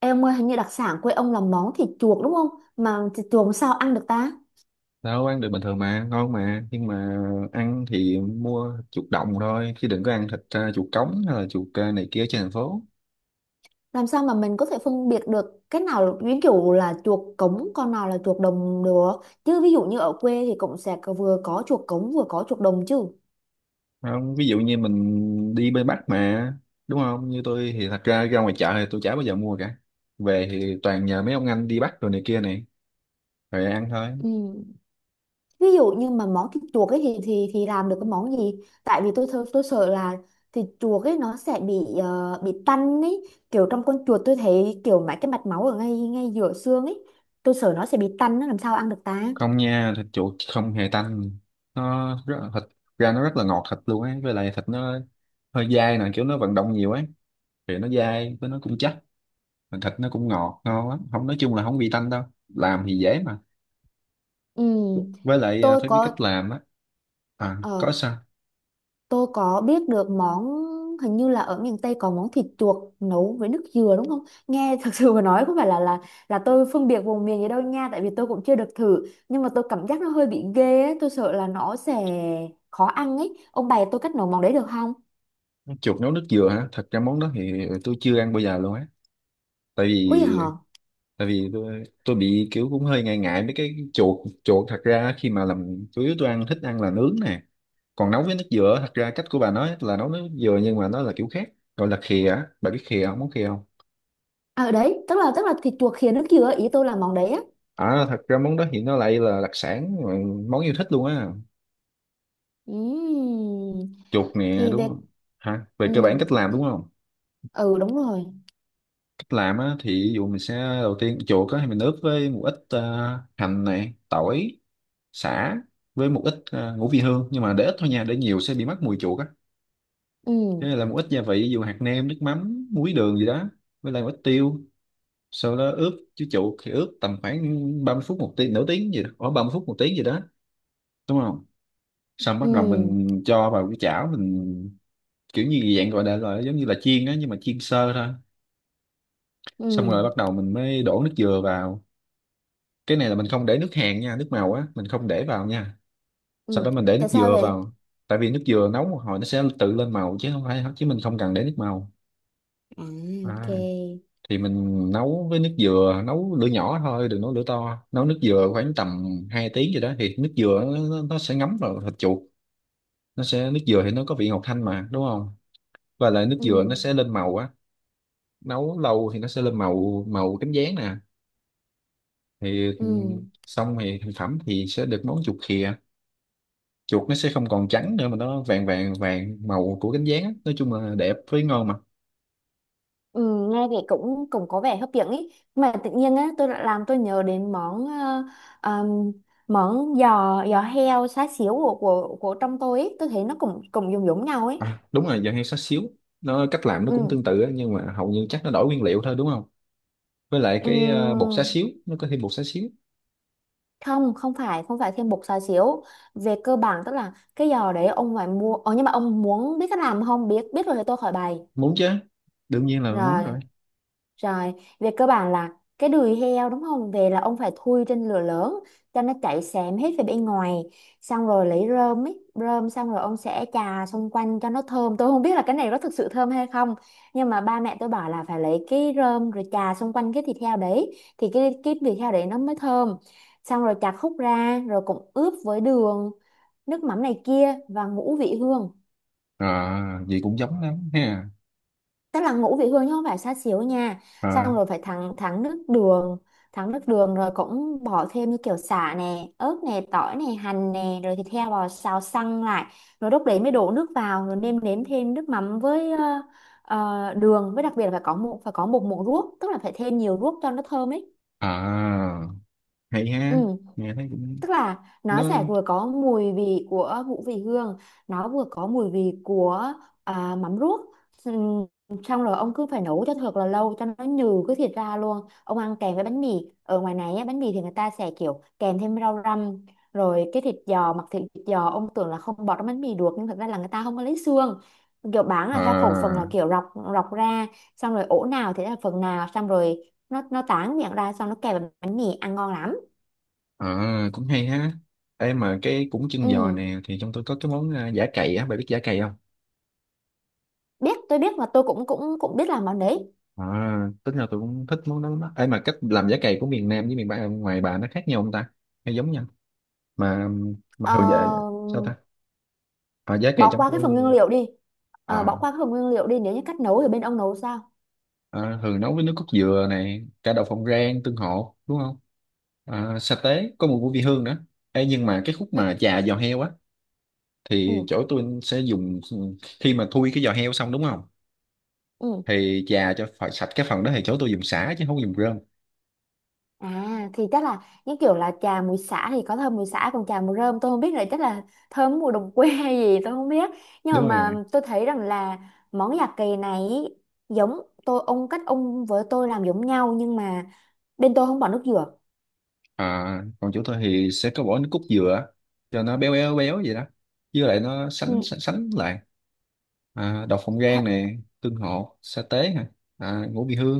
Em ơi, hình như đặc sản quê ông là món thịt chuột đúng không? Mà thịt chuột làm sao ăn được ta? Đâu, ăn được bình thường mà, ngon mà. Nhưng mà ăn thì mua chuột đồng thôi chứ đừng có ăn thịt chuột cống hay là chuột này kia trên thành phố. Làm sao mà mình có thể phân biệt được cái nào ví dụ là chuột cống, con nào là chuột đồng được? Chứ ví dụ như ở quê thì cũng sẽ vừa có chuột cống vừa có chuột đồng chứ. Không, ví dụ như mình đi bên Bắc mà, đúng không? Như tôi thì thật ra ra ngoài chợ thì tôi chả bao giờ mua cả, về thì toàn nhờ mấy ông anh đi bắt rồi này kia này, rồi ăn thôi. Ừ. Ví dụ như mà món thịt chuột ấy thì làm được cái món gì? Tại vì tôi sợ là thịt chuột ấy nó sẽ bị tanh ấy, kiểu trong con chuột tôi thấy kiểu mấy cái mạch máu ở ngay ngay giữa xương ấy, tôi sợ nó sẽ bị tanh, nó làm sao ăn được ta? Không nha, thịt chuột không hề tanh. Thịt ra nó rất là ngọt thịt luôn ấy, với lại thịt nó hơi dai nè, kiểu nó vận động nhiều ấy thì nó dai với nó cũng chắc, mà thịt nó cũng ngọt ngon lắm. Không, nói chung là không bị tanh đâu, làm thì dễ mà. Ừ. Với lại tôi phải biết có cách làm á. À, ờ có sao. tôi có biết được món, hình như là ở miền Tây có món thịt chuột nấu với nước dừa đúng không nghe, thật sự mà nói, có phải là là tôi phân biệt vùng miền gì đâu nha, tại vì tôi cũng chưa được thử, nhưng mà tôi cảm giác nó hơi bị ghê ấy. Tôi sợ là nó sẽ khó ăn ấy, ông bày tôi cách nấu món đấy được không? Chuột nấu nước dừa hả? Thật ra món đó thì tôi chưa ăn bao giờ luôn á. Tại Ui, vì hả? tại vì tôi bị kiểu cũng hơi ngại ngại mấy cái chuột. Chuột thật ra khi mà làm, chủ yếu tôi ăn, thích ăn là nướng nè. Còn nấu với nước dừa, thật ra cách của bà nói là nấu nước dừa nhưng mà nó là kiểu khác, gọi là khìa á. Bà biết khìa không, món khìa không? Ở đấy tức là thịt chuột khìa nước dừa, ý tôi là món đấy á. À, thật ra món đó thì nó lại là đặc sản, món yêu thích luôn á. Ừm, Chuột nè, thì đúng về. không? Hả, về Ừ. cơ bản cách làm đúng không? Ừ, đúng rồi. Cách làm á thì ví dụ mình sẽ, đầu tiên chuột á thì mình ướp với một ít hành này, tỏi, sả, với một ít ngũ vị hương, nhưng mà để ít thôi nha, để nhiều sẽ bị mất mùi chuột á. Thế Ừ. là một ít gia vị, ví dụ hạt nêm, nước mắm, muối, đường gì đó, với lại một ít tiêu. Sau đó ướp chứ, chuột thì ướp tầm khoảng 30 phút, 1 tiếng, nửa tiếng gì đó, khoảng 30 phút, một tiếng gì đó, đúng không? Xong bắt đầu Ừ. mình cho vào cái chảo mình, kiểu như dạng gọi là giống như là chiên á, nhưng mà chiên sơ thôi. Xong Ừ. rồi bắt đầu mình mới đổ nước dừa vào. Cái này là mình không để nước hàn nha, nước màu á mình không để vào nha. Sau Ừ. đó mình để Tại nước sao dừa vậy? vào. Tại vì nước dừa nấu một hồi nó sẽ tự lên màu, chứ không phải, chứ mình không cần để nước màu. À, ok. À, thì mình nấu với nước dừa, nấu lửa nhỏ thôi đừng nấu lửa to. Nấu nước dừa khoảng tầm 2 tiếng gì đó thì nước dừa nó sẽ ngấm vào thịt chuột. Nó sẽ Nước dừa thì nó có vị ngọt thanh mà, đúng không? Và lại nước Ừ. dừa nó sẽ lên màu á, nấu lâu thì nó sẽ lên màu, màu cánh gián nè. Thì Ừ. xong thì thành phẩm thì sẽ được món chuột khìa. Chuột nó sẽ không còn trắng nữa mà nó vàng vàng vàng, màu của cánh gián á. Nói chung là đẹp với ngon mà. Ừ, nghe thì cũng cũng có vẻ hấp dẫn ý, mà tự nhiên á tôi lại làm tôi nhớ đến món ờm, món giò giò heo xá xíu của trong tôi ý, tôi thấy nó cũng cũng giống giống nhau ấy. À, đúng rồi, giờ hay xá xíu, nó cách làm nó Ừ. cũng tương tự á, nhưng mà hầu như chắc nó đổi nguyên liệu thôi, đúng không? Với lại cái bột xá Ừm, xíu, nó có thêm bột xá xíu. không, không phải thêm bột xá xíu, về cơ bản tức là cái giò đấy ông phải mua, nhưng mà ông muốn biết cách làm không? Biết biết rồi thì tôi khỏi bày. Muốn chứ, đương nhiên là muốn Rồi. rồi. Rồi, về cơ bản là cái đùi heo đúng không? Về là ông phải thui trên lửa lớn cho nó chảy xém hết về bên ngoài. Xong rồi lấy rơm, xong rồi ông sẽ chà xung quanh cho nó thơm. Tôi không biết là cái này có thực sự thơm hay không. Nhưng mà ba mẹ tôi bảo là phải lấy cái rơm rồi chà xung quanh cái thịt heo đấy thì cái thịt heo đấy nó mới thơm. Xong rồi chặt khúc ra rồi cũng ướp với đường, nước mắm này kia và ngũ vị hương. À, gì cũng giống lắm ha. Tức là ngũ vị hương chứ không phải xá xíu nha. À, Xong rồi phải thắng thắng nước đường, thắng nước đường rồi cũng bỏ thêm như kiểu sả nè, ớt nè, tỏi nè, hành nè, rồi thịt heo vào xào săn lại, rồi lúc đấy mới đổ nước vào, rồi nêm nếm thêm nước mắm với đường, với đặc biệt là phải có một muỗng ruốc, tức là phải thêm nhiều ruốc cho nó thơm ấy. à, hay Ừ. ha. Nghe thấy cũng, Tức là nó sẽ nó, vừa có mùi vị của ngũ vị hương, nó vừa có mùi vị của mắm ruốc. Ừm, xong rồi ông cứ phải nấu cho thật là lâu cho nó nhừ cái thịt ra luôn, ông ăn kèm với bánh mì. Ở ngoài này á, bánh mì thì người ta sẽ kiểu kèm thêm rau răm, rồi cái thịt giò, mặc thịt giò ông tưởng là không bỏ trong bánh mì được nhưng thật ra là người ta không có lấy xương, kiểu bán là theo khẩu phần, là à. kiểu rọc rọc ra, xong rồi ổ nào thì là phần nào, xong rồi nó tán miệng ra, xong nó kèm với bánh mì ăn ngon lắm. À, cũng hay ha. Ê, mà cái cũng chân giò Ừ. nè thì trong tôi có cái món à, giả cày á, bà biết giả cày không? Biết, tôi biết, và tôi cũng cũng cũng biết làm món đấy. À, tính ra tôi cũng thích món đó lắm á. Ê, mà cách làm giả cày của miền Nam với miền Bắc ngoài bà nó khác nhau không ta? Hay giống nhau? Mà mà Ờ, thường về sao ta? À, giả cày bỏ trong qua cái phần nguyên tôi liệu đi. Ờ, à, bỏ qua cái phần nguyên liệu đi, nếu như cách nấu thì bên ông nấu sao? à, thường nấu với nước cốt dừa này, cả đậu phộng rang, tương hộ, đúng không? À, sa tế, có mùi của vị hương nữa. Ê, nhưng mà cái khúc Ừ, mà chà giò heo á thì ừ, chỗ tôi sẽ dùng, khi mà thui cái giò heo xong đúng không, ừ. thì chà cho phải sạch cái phần đó, thì chỗ tôi dùng sả chứ không có dùng rơm. À, thì chắc là những kiểu là trà mùi xả thì có thơm mùi xả, còn trà mùi rơm tôi không biết, là chắc là thơm mùi đồng quê hay gì tôi không biết. Nhưng Đúng rồi. mà tôi thấy rằng là món già kỳ này ý, giống, tôi ông, cách ông với tôi làm giống nhau, nhưng mà bên tôi không bỏ nước dừa. À, còn chỗ tôi thì sẽ có bỏ nước cốt dừa cho nó béo béo béo vậy đó, với lại nó sánh Ừ. sánh, sánh lại. À, đậu phộng Hả. rang nè, tương hộ, sa tế hả, à, ngũ vị hương,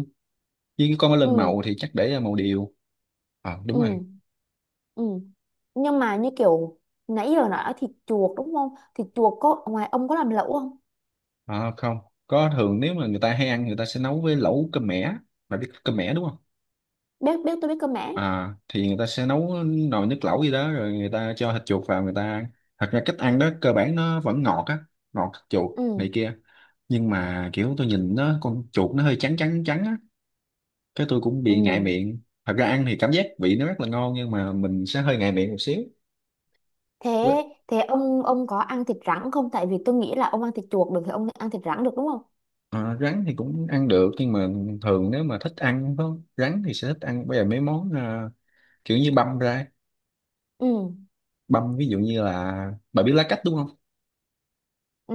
với cái con nó lên Ừ. màu thì chắc để màu điều. Ờ, Ừ. đúng rồi. Ừ. Nhưng mà như kiểu nãy giờ nói thịt chuột đúng không? Thịt chuột có, ngoài ông có làm lẩu không? Ờ, không, có thường nếu mà người ta hay ăn, người ta sẽ nấu với lẩu cơm mẻ. Bạn biết cơm mẻ đúng không? Biết biết tôi biết cơ mà. À thì người ta sẽ nấu nồi nước lẩu gì đó rồi người ta cho thịt chuột vào, người ta ăn. Thật ra cách ăn đó cơ bản nó vẫn ngọt á, ngọt thịt chuột Ừ. này kia. Nhưng mà kiểu tôi nhìn nó, con chuột nó hơi trắng trắng trắng á, cái tôi cũng bị ngại Ừ. miệng. Thật ra ăn thì cảm giác vị nó rất là ngon, nhưng mà mình sẽ hơi ngại miệng một xíu. Với- Thế thế ông có ăn thịt rắn không? Tại vì tôi nghĩ là ông ăn thịt chuột được thì ông ăn thịt rắn được đúng không? ờ, rắn thì cũng ăn được, nhưng mà thường nếu mà thích ăn có rắn thì sẽ thích ăn bây giờ mấy món kiểu như băm ra. Ừ. Băm ví dụ như là, bà biết lá cách đúng không? Ừ.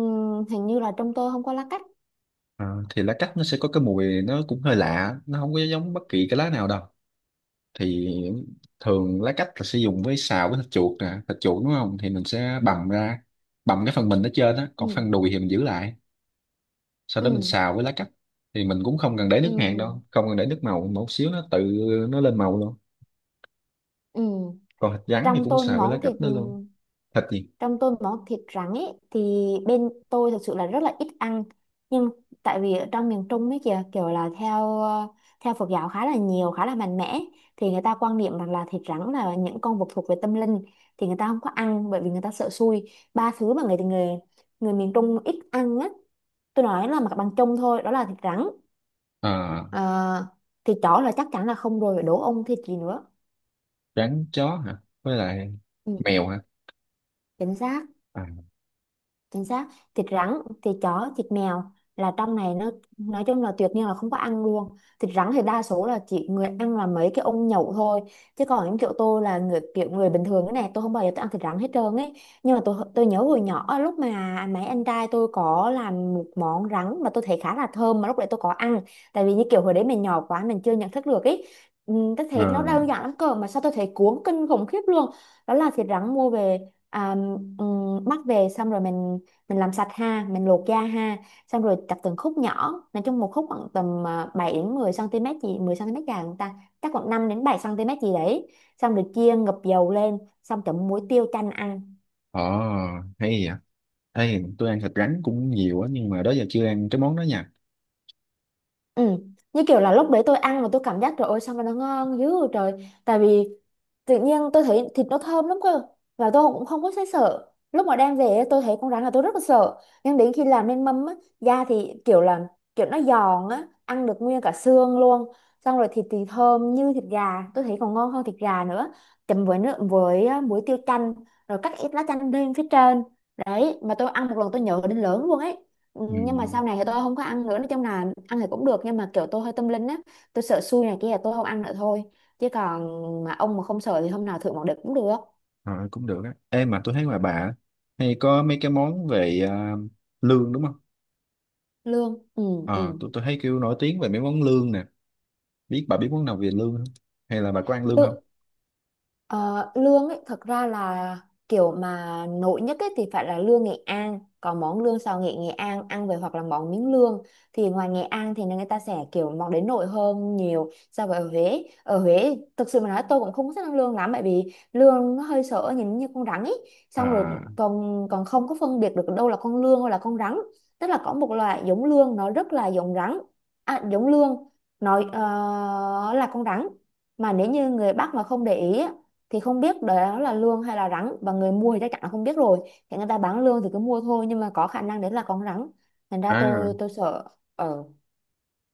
Hình như là trong tôi không có lá cách. À, thì lá cách nó sẽ có cái mùi nó cũng hơi lạ, nó không có giống bất kỳ cái lá nào đâu. Thì thường lá cách là sẽ dùng với, xào với thịt chuột nè. Thịt chuột đúng không thì mình sẽ bằm ra, bằm cái phần mình ở trên á, còn Ừ. phần đùi thì mình giữ lại. Sau đó mình Ừ. xào với lá cách, thì mình cũng không cần để nước hạt đâu, Ừ. không cần để nước màu, một xíu nó tự nó lên màu luôn. Ừ. Còn thịt rắn thì Trong cũng tôi xào với lá món cách thịt đó luôn. Thịt gì? trong tôi món thịt rắn ấy thì bên tôi thực sự là rất là ít ăn, nhưng tại vì ở trong miền Trung ấy kìa, kiểu là theo theo Phật giáo khá là nhiều, khá là mạnh mẽ, thì người ta quan niệm rằng là thịt rắn là những con vật thuộc về tâm linh, thì người ta không có ăn, bởi vì người ta sợ xui. Ba thứ mà người người người miền Trung ít ăn á, tôi nói là mặt bằng chung thôi, đó là thịt rắn. À, Ờ, thịt chó là chắc chắn là không rồi, đố ông thịt gì nữa. rắn, chó hả, với lại Ừ, mèo hả? chính xác. À, Chính xác. Thịt rắn, thịt chó, thịt mèo, là trong này nó nói chung là tuyệt nhiên là không có ăn luôn. Thịt rắn thì đa số là chỉ người ăn là mấy cái ông nhậu thôi, chứ còn những kiểu tôi là người, kiểu người bình thường, cái này tôi không bao giờ tôi ăn thịt rắn hết trơn ấy. Nhưng mà tôi nhớ hồi nhỏ, lúc mà mấy anh trai tôi có làm một món rắn mà tôi thấy khá là thơm, mà lúc đấy tôi có ăn, tại vì như kiểu hồi đấy mình nhỏ quá mình chưa nhận thức được ấy. Ừ, tôi thấy nó à. đơn giản lắm, cơ mà sao tôi thấy cuốn kinh khủng khiếp luôn. Đó là thịt rắn mua về, à, ừ, mắc về xong rồi mình làm sạch ha, mình luộc da ha, xong rồi cắt từng khúc nhỏ, nói chung một khúc khoảng tầm 7 đến 10 cm gì, 10 cm dài không ta, chắc khoảng 5 đến 7 cm gì đấy, xong rồi chiên ngập dầu lên, xong chấm muối tiêu chanh ăn. Ồ, hay vậy. Ê, tôi ăn thịt rắn cũng nhiều á, nhưng mà đó giờ chưa ăn cái món đó nha. Ừ. Như kiểu là lúc đấy tôi ăn mà tôi cảm giác trời ơi sao mà nó ngon dữ vậy trời. Tại vì tự nhiên tôi thấy thịt nó thơm lắm cơ. Và tôi cũng không có thấy sợ. Lúc mà đem về ấy, tôi thấy con rắn là tôi rất là sợ, nhưng đến khi làm nên mâm á, da thì kiểu nó giòn á, ăn được nguyên cả xương luôn. Xong rồi thịt thì thơm như thịt gà, tôi thấy còn ngon hơn thịt gà nữa. Chấm với nước, với á, muối tiêu chanh, rồi cắt ít lá chanh lên phía trên. Đấy, mà tôi ăn một lần tôi nhớ đến lớn luôn ấy. Ừ, Ừ, nhưng mà sau này thì tôi không có ăn nữa, nói chung là ăn thì cũng được, nhưng mà kiểu tôi hơi tâm linh á, tôi sợ xui này kia là tôi không ăn nữa thôi, chứ còn, mà ông mà không sợ thì hôm nào thử một đợt cũng được. ờ, cũng được á. Ê, mà tôi thấy ngoài bà á, hay có mấy cái món về à, lương đúng không? Lương. Ừ. Ừ. Ờ, tôi thấy kêu nổi tiếng về mấy món lương nè. Biết, bà biết món nào về lương không? Hay là bà có ăn lương không? Lự- Ờ, lương ấy thật ra là, kiểu mà nổi nhất ấy thì phải là lương Nghệ An, có món lương xào nghệ Nghệ An ăn về, hoặc là món miếng lương, thì ngoài Nghệ An thì người ta sẽ kiểu, món đến nổi hơn nhiều so với ở Huế. Ở Huế thực sự mà nói tôi cũng không có thích ăn lương lắm, bởi vì lương nó hơi sợ, nhìn như con rắn ấy, xong rồi À, còn còn không có phân biệt được đâu là con lương hay là con rắn, tức là có một loại giống lương nó rất là giống rắn, à, giống lương nói là con rắn, mà nếu như người Bắc mà không để ý á, thì không biết đó là lương hay là rắn, và người mua thì chắc chắn là không biết rồi, thì người ta bán lương thì cứ mua thôi, nhưng mà có khả năng đấy là con rắn, thành ra à, tôi sợ. Ờ.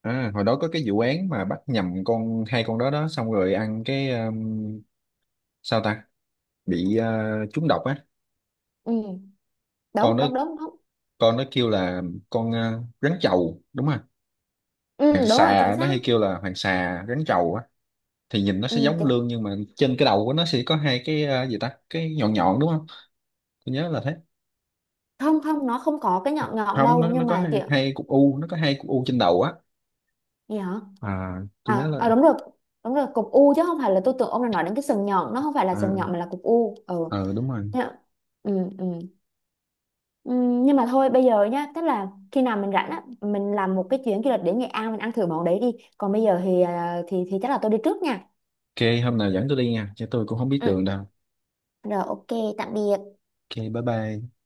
à hồi đó có cái vụ án mà bắt nhầm con, hai con đó đó, xong rồi ăn cái sao ta? Bị trúng độc á. Ừ. Con Đúng, đó, đúng, đúng, đúng. con nó kêu là, con rắn chầu đúng không? Hoàng Ừ, đúng rồi, chính xà, nó hay xác. kêu là hoàng xà, rắn chầu á, thì nhìn nó Ừ, sẽ giống chính... lươn nhưng mà trên cái đầu của nó sẽ có hai cái gì ta, cái nhọn nhọn đúng không? Tôi nhớ là thế. Không, không, nó không có cái nhọn nhọn Không, đâu, nó nó nhưng có mà hai, kiểu, hai cục u, nó có hai cục u trên đầu á. gì hả? À, tôi nhớ À, là, à, đúng rồi. Đúng rồi, cục u chứ không phải, là tôi tưởng ông là nói đến cái sừng nhọn, nó không phải là à, sừng nhọn mà là cục u. Ừ. ờ, à, đúng rồi. Thế ạ. Ừ, ừ. Nhưng mà thôi bây giờ nhá, tức là khi nào mình rảnh á mình làm một cái chuyến du lịch đến Nghệ An mình ăn thử món đấy đi, còn bây giờ thì à, thì thì chắc là tôi đi trước nha. OK, hôm nào dẫn tôi đi nha chứ tôi cũng không biết Ừ. đường đâu. Rồi, ok. Tạm biệt. OK, bye bye.